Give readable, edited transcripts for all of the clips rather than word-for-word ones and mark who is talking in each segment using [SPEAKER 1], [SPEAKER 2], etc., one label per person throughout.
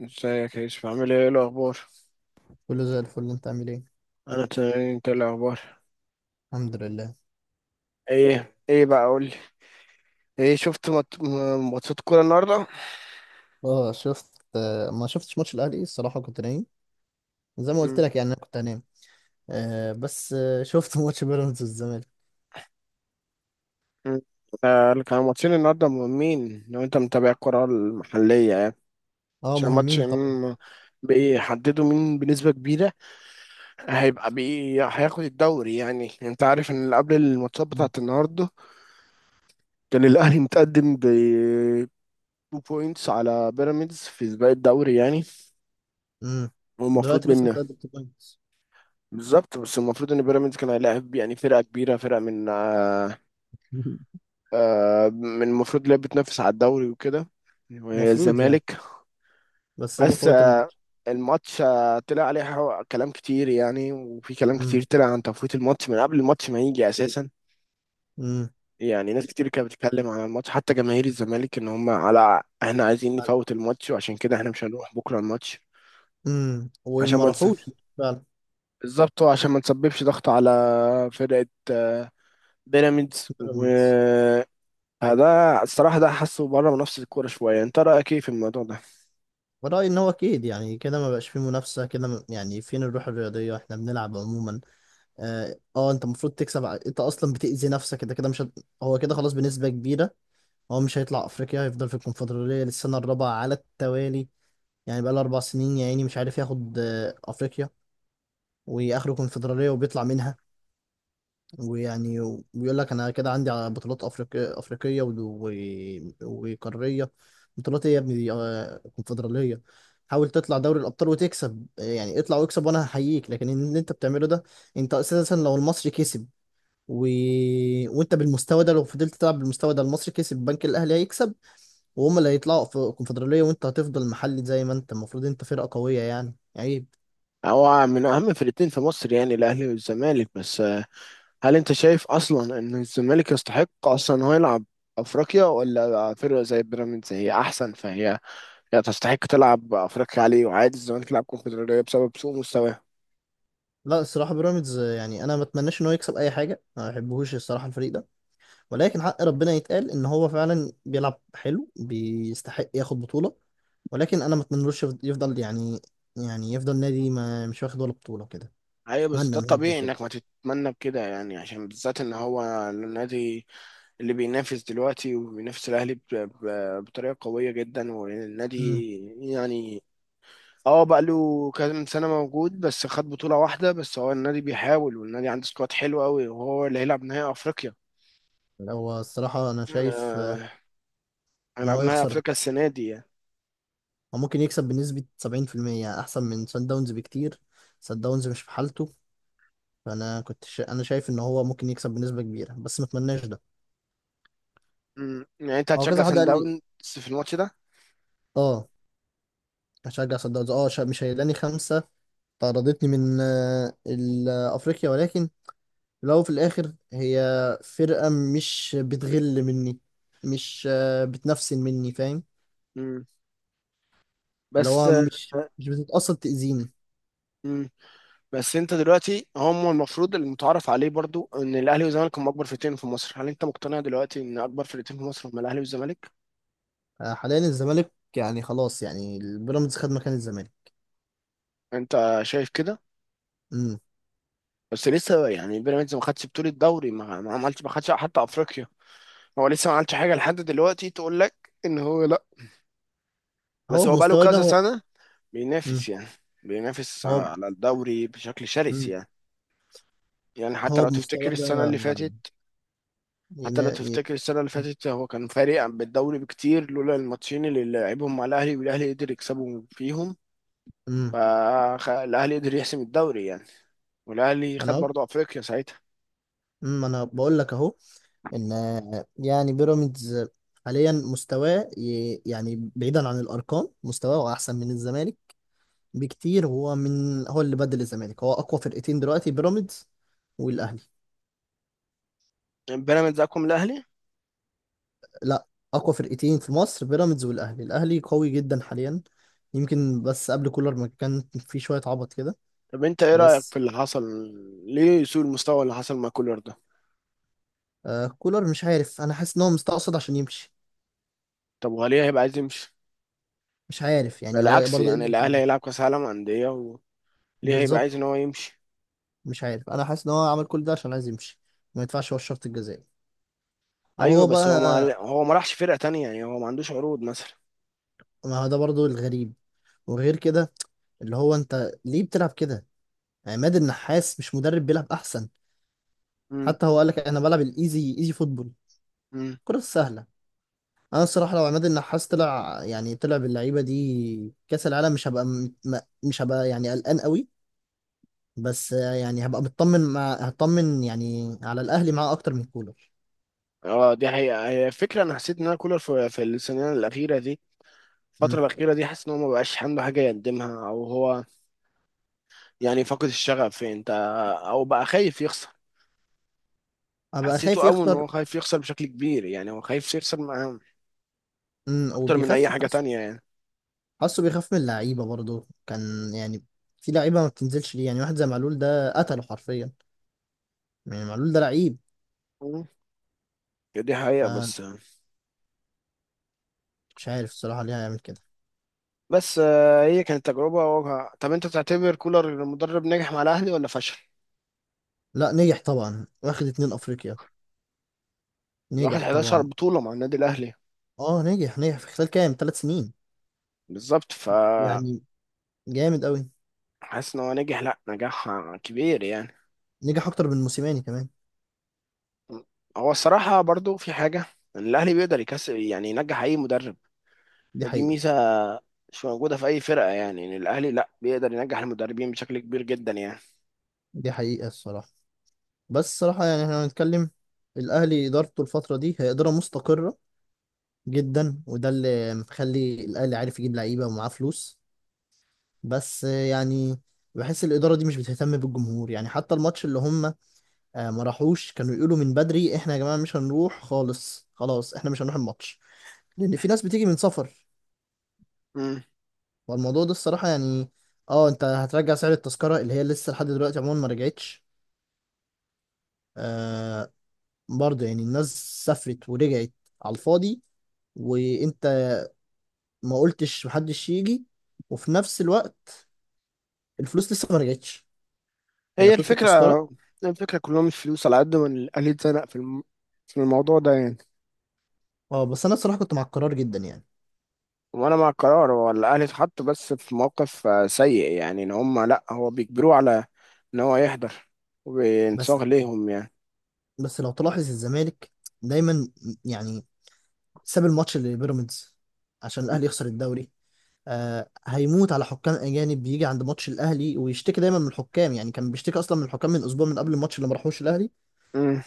[SPEAKER 1] ازيك يا يوسف، عامل ايه، ايه الاخبار؟
[SPEAKER 2] كله زي الفل، انت عامل ايه؟
[SPEAKER 1] انا تمام، انت إيه الاخبار؟
[SPEAKER 2] الحمد لله.
[SPEAKER 1] ايه ايه بقى قول لي. ايه شفت ماتشات كوره النهارده؟
[SPEAKER 2] اه شفت، ما شفتش ماتش الاهلي الصراحه، كنت نايم. زي ما قلت
[SPEAKER 1] امم.
[SPEAKER 2] لك يعني، انا كنت هنام. آه بس شفت ماتش بيراميدز والزمالك.
[SPEAKER 1] امم. آه، اللي كانوا ماتشين النهارده مهمين لو انت متابع الكوره المحليه يعني.
[SPEAKER 2] اه
[SPEAKER 1] عشان ماتش
[SPEAKER 2] مهمين طبعا.
[SPEAKER 1] بيحددوا مين بنسبه كبيره هيبقى بي هياخد الدوري يعني. انت عارف ان قبل الماتشات
[SPEAKER 2] مم.
[SPEAKER 1] بتاعت النهارده كان الاهلي متقدم ب 2 بوينتس على بيراميدز في سباق الدوري يعني.
[SPEAKER 2] مم. دلوقتي
[SPEAKER 1] والمفروض
[SPEAKER 2] لسه
[SPEAKER 1] ان
[SPEAKER 2] متقدم بوينتس.
[SPEAKER 1] بالظبط، بس المفروض ان بيراميدز كان هيلاعب يعني فرقه كبيره، فرقه من آه من المفروض اللي هي بتنافس على الدوري وكده، وهي
[SPEAKER 2] المفروض يعني.
[SPEAKER 1] الزمالك.
[SPEAKER 2] بس هم
[SPEAKER 1] بس
[SPEAKER 2] فوتوا
[SPEAKER 1] آه
[SPEAKER 2] الماتش.
[SPEAKER 1] الماتش طلع عليه كلام كتير يعني، وفي كلام
[SPEAKER 2] امم.
[SPEAKER 1] كتير طلع عن تفويت الماتش من قبل الماتش ما يجي اساسا.
[SPEAKER 2] امم.
[SPEAKER 1] يعني ناس كتير كانت بتتكلم على الماتش، حتى جماهير الزمالك ان هم على احنا عايزين نفوت الماتش وعشان كده احنا مش هنروح بكره الماتش. عشان
[SPEAKER 2] وما
[SPEAKER 1] ما نس-
[SPEAKER 2] راحوش فعلا.
[SPEAKER 1] بالظبط، وعشان ما نسببش ضغط على فرقه، آه، بيراميدز.
[SPEAKER 2] بيراميدز،
[SPEAKER 1] ده الصراحة ده حاسه بره منافسة الكورة شوية. أنت رأيك إيه في الموضوع ده؟
[SPEAKER 2] ورأيي ان هو اكيد، يعني كده ما بقاش فيه منافسه كده. يعني فين الروح الرياضيه؟ احنا بنلعب عموما. اه انت المفروض تكسب، انت اصلا بتأذي نفسك، انت كده مش هت... هو كده خلاص بنسبة كبيرة. هو مش هيطلع افريقيا، هيفضل في الكونفدرالية للسنة الرابعة على التوالي. يعني بقى له 4 سنين يا عيني مش عارف ياخد افريقيا. واخره كونفدرالية وبيطلع منها. ويعني وبيقول لك انا كده عندي على بطولات افريقية افريقية وقارية. بطولات ايه يا ابني دي؟ كونفدرالية. حاول تطلع دوري الابطال وتكسب، يعني اطلع واكسب وانا هحييك، لكن اللي انت بتعمله ده، انت اساسا لو المصري كسب و... وانت بالمستوى ده، لو فضلت تلعب بالمستوى ده، المصري كسب، البنك الاهلي هيكسب، وهم اللي هيطلعوا في الكونفدراليه وانت هتفضل محلي. زي ما انت المفروض، انت فرقه قويه، يعني عيب.
[SPEAKER 1] هو من أهم فرقتين في مصر يعني، الأهلي والزمالك. بس آه، هل أنت شايف أصلا إن الزمالك يستحق أصلا إن هو يلعب أفريقيا؟ ولا فرقة زي بيراميدز هي أحسن، فهي تستحق تلعب أفريقيا عليه، وعادي الزمالك يلعب كونفدرالية بسبب سوء مستواه.
[SPEAKER 2] لا الصراحه بيراميدز، يعني انا ما اتمناش ان هو يكسب اي حاجه، ما بحبهوش الصراحه الفريق ده، ولكن حق ربنا يتقال ان هو فعلا بيلعب حلو، بيستحق ياخد بطوله. ولكن انا ما اتمنلوش يفضل يعني، يعني يفضل نادي ما مش واخد ولا بطوله كده.
[SPEAKER 1] أيوة بس
[SPEAKER 2] اتمنى
[SPEAKER 1] ده
[SPEAKER 2] ان هو يفضل
[SPEAKER 1] الطبيعي
[SPEAKER 2] كده.
[SPEAKER 1] إنك ما تتمنى بكده يعني، عشان بالذات إن هو النادي اللي بينافس دلوقتي وبينافس الأهلي بطريقة قوية جدا، والنادي
[SPEAKER 2] امم.
[SPEAKER 1] يعني اه بقى له كام سنة موجود بس خد بطولة واحدة، بس هو النادي بيحاول، والنادي عنده سكواد حلو قوي، وهو اللي هيلعب نهائي أفريقيا.
[SPEAKER 2] هو الصراحه انا شايف،
[SPEAKER 1] آه،
[SPEAKER 2] ان
[SPEAKER 1] هيلعب
[SPEAKER 2] هو
[SPEAKER 1] نهائي
[SPEAKER 2] يخسر.
[SPEAKER 1] أفريقيا السنة دي يعني.
[SPEAKER 2] هو ممكن يكسب بنسبة 70% أحسن من سان داونز بكتير. سان داونز مش في حالته. أنا شايف إن هو ممكن يكسب بنسبة كبيرة، بس ما أتمناش ده.
[SPEAKER 1] مم. يعني أنت
[SPEAKER 2] هو
[SPEAKER 1] هتشجع
[SPEAKER 2] كذا حد
[SPEAKER 1] سان
[SPEAKER 2] قال لي.
[SPEAKER 1] داونز في الماتش ده؟
[SPEAKER 2] أه هشجع سان داونز. مش هيلاني خمسة. طردتني من أفريقيا، ولكن في الأول وفي الآخر هي فرقة مش بتغل مني، مش آه، بتنفسن مني، فاهم؟
[SPEAKER 1] مم.
[SPEAKER 2] اللي
[SPEAKER 1] بس
[SPEAKER 2] هو
[SPEAKER 1] آه،
[SPEAKER 2] مش بتتقصد تأذيني.
[SPEAKER 1] مم. بس أنت دلوقتي، هم المفروض المتعارف عليه برضو إن الأهلي والزمالك هم أكبر فرقتين في مصر، هل أنت مقتنع دلوقتي إن أكبر فرقتين في مصر هم الأهلي والزمالك؟
[SPEAKER 2] آه، حاليا الزمالك يعني خلاص، يعني البيراميدز خد مكان الزمالك.
[SPEAKER 1] أنت شايف كده؟
[SPEAKER 2] امم.
[SPEAKER 1] بس لسه يعني بيراميدز ما خدش بطولة دوري، ما عملش، ما خدش حتى أفريقيا. هو لسه ما عملش حاجه لحد دلوقتي تقول لك ان هو لا. بس
[SPEAKER 2] هو
[SPEAKER 1] هو بقاله
[SPEAKER 2] بمستواه ده
[SPEAKER 1] كذا
[SPEAKER 2] هو
[SPEAKER 1] سنه
[SPEAKER 2] مم.
[SPEAKER 1] بينافس يعني، بينافس
[SPEAKER 2] هو
[SPEAKER 1] على الدوري بشكل شرس
[SPEAKER 2] مم.
[SPEAKER 1] يعني. يعني حتى
[SPEAKER 2] هو
[SPEAKER 1] لو
[SPEAKER 2] بمستوى
[SPEAKER 1] تفتكر السنه
[SPEAKER 2] ده
[SPEAKER 1] اللي فاتت، حتى
[SPEAKER 2] ينا...
[SPEAKER 1] لو
[SPEAKER 2] ي-
[SPEAKER 1] تفتكر السنه اللي فاتت هو كان فارق بالدوري بكتير لولا الماتشين اللي لعبهم مع الاهلي، والاهلي قدر يكسبهم فيهم.
[SPEAKER 2] مم.
[SPEAKER 1] فالاهلي قدر يحسم الدوري يعني، والاهلي
[SPEAKER 2] انا
[SPEAKER 1] خد
[SPEAKER 2] أهو-
[SPEAKER 1] برضه افريقيا ساعتها.
[SPEAKER 2] مم. انا بقول لك اهو، ان يعني بيراميدز حاليا مستواه يعني بعيدا عن الارقام، مستواه احسن من الزمالك بكتير. هو من، هو اللي بدل الزمالك، هو اقوى فرقتين دلوقتي، بيراميدز والاهلي.
[SPEAKER 1] بيراميدز اقوى من الاهلي؟
[SPEAKER 2] لا، اقوى فرقتين في مصر بيراميدز والاهلي، الاهلي قوي جدا حاليا. يمكن بس قبل كولر ما كان في شوية عبط كده.
[SPEAKER 1] طب انت ايه رايك في
[SPEAKER 2] بس
[SPEAKER 1] اللي حصل؟ ليه سوء المستوى اللي حصل مع كولر ده؟
[SPEAKER 2] آه كولر، مش عارف، انا حاسس ان هو مستقصد عشان يمشي.
[SPEAKER 1] طب وهل هيبقى عايز يمشي؟
[SPEAKER 2] مش عارف يعني، هو
[SPEAKER 1] بالعكس
[SPEAKER 2] برضه ايه
[SPEAKER 1] يعني
[SPEAKER 2] اللي هيخليه
[SPEAKER 1] الاهلي هيلعب
[SPEAKER 2] يمشي؟
[SPEAKER 1] كاس عالم انديه، وليه هيبقى
[SPEAKER 2] بالظبط.
[SPEAKER 1] عايز ان هو يمشي؟
[SPEAKER 2] مش عارف، انا حاسس ان هو عمل كل ده عشان عايز يمشي. ما يدفعش هو الشرط الجزائي، او
[SPEAKER 1] ايوه
[SPEAKER 2] هو
[SPEAKER 1] بس هو،
[SPEAKER 2] بقى.
[SPEAKER 1] ما هو ما راحش فرقه تانية يعني، هو ما عندوش عروض مثلا.
[SPEAKER 2] ما هو ده برضه الغريب، وغير كده اللي هو انت ليه بتلعب كده؟ عماد النحاس مش مدرب بيلعب احسن؟
[SPEAKER 1] امم.
[SPEAKER 2] حتى هو قال لك انا بلعب الايزي ايزي فوتبول،
[SPEAKER 1] امم.
[SPEAKER 2] الكرة السهلة. انا الصراحة لو عماد النحاس طلع، يعني طلع باللعيبة دي كأس العالم، مش هبقى مش هبقى يعني قلقان قوي. بس يعني هبقى مطمن، هطمن يعني على الاهلي معاه اكتر من كولر.
[SPEAKER 1] اه دي حقيقه. هي فكره، انا حسيت ان انا كولر في السنين الاخيره دي، الفتره
[SPEAKER 2] امم.
[SPEAKER 1] الاخيره دي، حاسس ان هو ما بقاش عنده حاجه يقدمها، او هو يعني فقد الشغف، انت، او بقى خايف يخسر.
[SPEAKER 2] هبقى
[SPEAKER 1] حسيته
[SPEAKER 2] خايف
[SPEAKER 1] قوي ان
[SPEAKER 2] يخسر.
[SPEAKER 1] هو خايف يخسر بشكل كبير يعني، هو خايف يخسر اكتر من اي
[SPEAKER 2] وبيخاف
[SPEAKER 1] حاجه
[SPEAKER 2] حاسه،
[SPEAKER 1] تانية يعني.
[SPEAKER 2] بيخاف من اللعيبه برضه كان يعني. في لعيبه ما بتنزلش ليه، يعني واحد زي معلول ده قتله حرفيا. يعني معلول ده لعيب.
[SPEAKER 1] مم. دي حقيقه
[SPEAKER 2] فمش
[SPEAKER 1] بس.
[SPEAKER 2] عارف الصراحه ليه هيعمل كده.
[SPEAKER 1] هي كانت تجربة واجهة. طب انت تعتبر كولر المدرب نجح مع الاهلي ولا فشل؟
[SPEAKER 2] لا نجح طبعا، واخد اتنين افريقيا.
[SPEAKER 1] واخد
[SPEAKER 2] نجح
[SPEAKER 1] 11
[SPEAKER 2] طبعا.
[SPEAKER 1] بطولة مع النادي الاهلي.
[SPEAKER 2] اه نجح، نجح في خلال كام، 3 سنين
[SPEAKER 1] بالظبط.
[SPEAKER 2] يعني، جامد قوي.
[SPEAKER 1] حاسس ان هو نجح، لا نجاح كبير يعني.
[SPEAKER 2] نجح اكتر من موسيماني كمان.
[SPEAKER 1] هو الصراحة برضو في حاجة، ان الاهلي بيقدر يكسب يعني، ينجح اي مدرب.
[SPEAKER 2] دي
[SPEAKER 1] دي
[SPEAKER 2] حقيقه.
[SPEAKER 1] ميزة مش موجودة في اي فرقة يعني، ان الاهلي لا بيقدر ينجح المدربين بشكل كبير جدا يعني.
[SPEAKER 2] دي حقيقه الصراحه. بس صراحة يعني احنا هنتكلم، الأهلي إدارته الفترة دي هي إدارة مستقرة جدا، وده اللي مخلي الأهلي عارف يجيب لعيبة ومعاه فلوس. بس يعني بحس الإدارة دي مش بتهتم بالجمهور. يعني حتى الماتش اللي هم ما راحوش، كانوا يقولوا من بدري احنا يا جماعة مش هنروح خالص، خلاص احنا مش هنروح الماتش، لأن في ناس بتيجي من سفر.
[SPEAKER 1] مم.
[SPEAKER 2] والموضوع ده الصراحة يعني، اه انت هترجع سعر التذكرة اللي هي لسه لحد دلوقتي عموما ما رجعتش. آه برضه يعني الناس سافرت ورجعت على الفاضي، وانت ما قلتش محدش يجي، وفي نفس الوقت الفلوس لسه ما رجعتش، يعني
[SPEAKER 1] هي
[SPEAKER 2] فلوس
[SPEAKER 1] الفكرة،
[SPEAKER 2] التذكرة.
[SPEAKER 1] الفكرة كلهم الفلوس على قد ما الاهلي اتزنق في في الموضوع ده يعني.
[SPEAKER 2] اه بس انا الصراحة كنت مع القرار جدا يعني.
[SPEAKER 1] وانا مع القرار، هو الاهلي اتحط بس في موقف سيء يعني، ان هم لا، هو بيجبروه على ان هو يحضر
[SPEAKER 2] بس
[SPEAKER 1] وبينصاغ ليهم يعني.
[SPEAKER 2] بس لو تلاحظ الزمالك دايما يعني ساب الماتش لبيراميدز عشان الاهلي يخسر الدوري. آه هيموت على حكام اجانب، بيجي عند ماتش الاهلي ويشتكي دايما من الحكام. يعني كان بيشتكي اصلا من الحكام من اسبوع من قبل الماتش اللي ما راحوش الاهلي.
[SPEAKER 1] مم.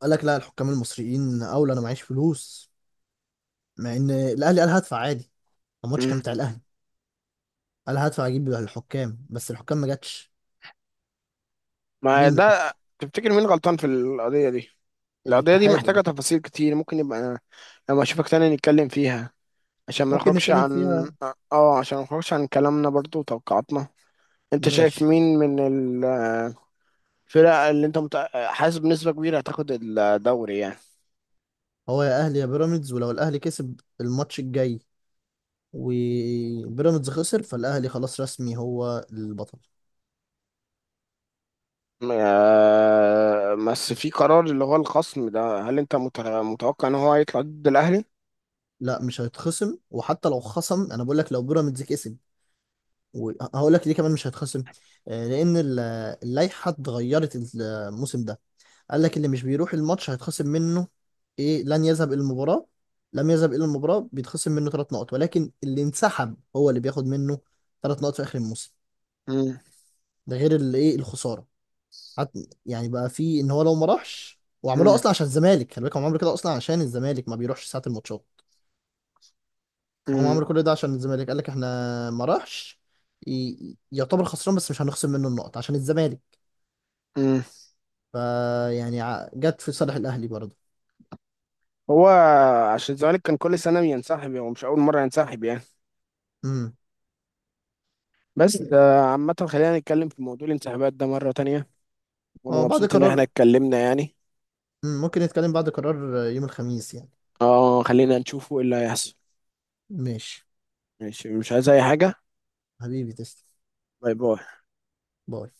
[SPEAKER 2] قال لك لا الحكام المصريين اولى، انا معيش فلوس، مع ان الاهلي قال هدفع عادي، الماتش كان
[SPEAKER 1] مم.
[SPEAKER 2] بتاع الاهلي، قال هدفع اجيب الحكام، بس الحكام ما جاتش.
[SPEAKER 1] ما
[SPEAKER 2] مين الحكام؟
[SPEAKER 1] ده تفتكر مين غلطان في القضية دي؟ القضية دي
[SPEAKER 2] الاتحاد
[SPEAKER 1] محتاجة
[SPEAKER 2] اللي-
[SPEAKER 1] تفاصيل كتير، ممكن يبقى أنا لما أشوفك تاني نتكلم فيها، عشان ما
[SPEAKER 2] ممكن
[SPEAKER 1] نخرجش
[SPEAKER 2] نتكلم
[SPEAKER 1] عن...
[SPEAKER 2] فيها.
[SPEAKER 1] اه، عشان ما نخرجش عن كلامنا برضو وتوقعاتنا. انت شايف
[SPEAKER 2] ماشي.
[SPEAKER 1] مين من الفرق اللي انت حاسس بنسبة كبيرة هتاخد الدوري يعني؟
[SPEAKER 2] هو يا اهلي يا بيراميدز، ولو الاهلي كسب الماتش الجاي وبيراميدز خسر فالاهلي خلاص رسمي هو البطل.
[SPEAKER 1] بس في قرار اللي هو الخصم ده، هل انت متوقع ان هو هيطلع ضد الاهلي؟
[SPEAKER 2] لا مش هيتخصم، وحتى لو خصم انا بقول لك لو بيراميدز كسب، وهقول لك ليه كمان مش هيتخصم. آه، لان ال- اللائحه اتغيرت الموسم ده. قال لك اللي مش بيروح الماتش هيتخصم منه، ايه لن يذهب الى المباراة، لم يذهب الى المباراة بيتخصم منه 3 نقط، ولكن اللي انسحب هو اللي بياخد منه 3 نقط في اخر الموسم.
[SPEAKER 1] مم.
[SPEAKER 2] ده غير اللي ايه الخسارة. حت يعني بقى في ان هو لو ما راحش، وعملوها
[SPEAKER 1] مم.
[SPEAKER 2] اصلا عشان الزمالك، خلي بالك هم عملوا كده اصلا عشان الزمالك ما بيروحش ساعة الماتشات. هم
[SPEAKER 1] مم.
[SPEAKER 2] عملوا كل ده عشان الزمالك، قال لك احنا ما راحش يعتبر خسران، بس مش هنخصم منه النقط عشان الزمالك.
[SPEAKER 1] مم.
[SPEAKER 2] فيعني جت في صالح الاهلي برضه.
[SPEAKER 1] هو عشان الزمالك كان كل سنه بينسحب، هو مش اول مره ينسحب يعني.
[SPEAKER 2] امم.
[SPEAKER 1] بس آه، عامه خلينا نتكلم في موضوع الانسحابات ده مره تانية، وانا
[SPEAKER 2] اه بعد
[SPEAKER 1] مبسوط ان احنا
[SPEAKER 2] قرار،
[SPEAKER 1] اتكلمنا يعني.
[SPEAKER 2] ممكن نتكلم بعد قرار يوم الخميس يعني.
[SPEAKER 1] اه خلينا نشوفه ايه اللي هيحصل.
[SPEAKER 2] ماشي.
[SPEAKER 1] ماشي، مش عايز اي حاجه.
[SPEAKER 2] حبيبي تسلم.
[SPEAKER 1] باي باي.
[SPEAKER 2] باي.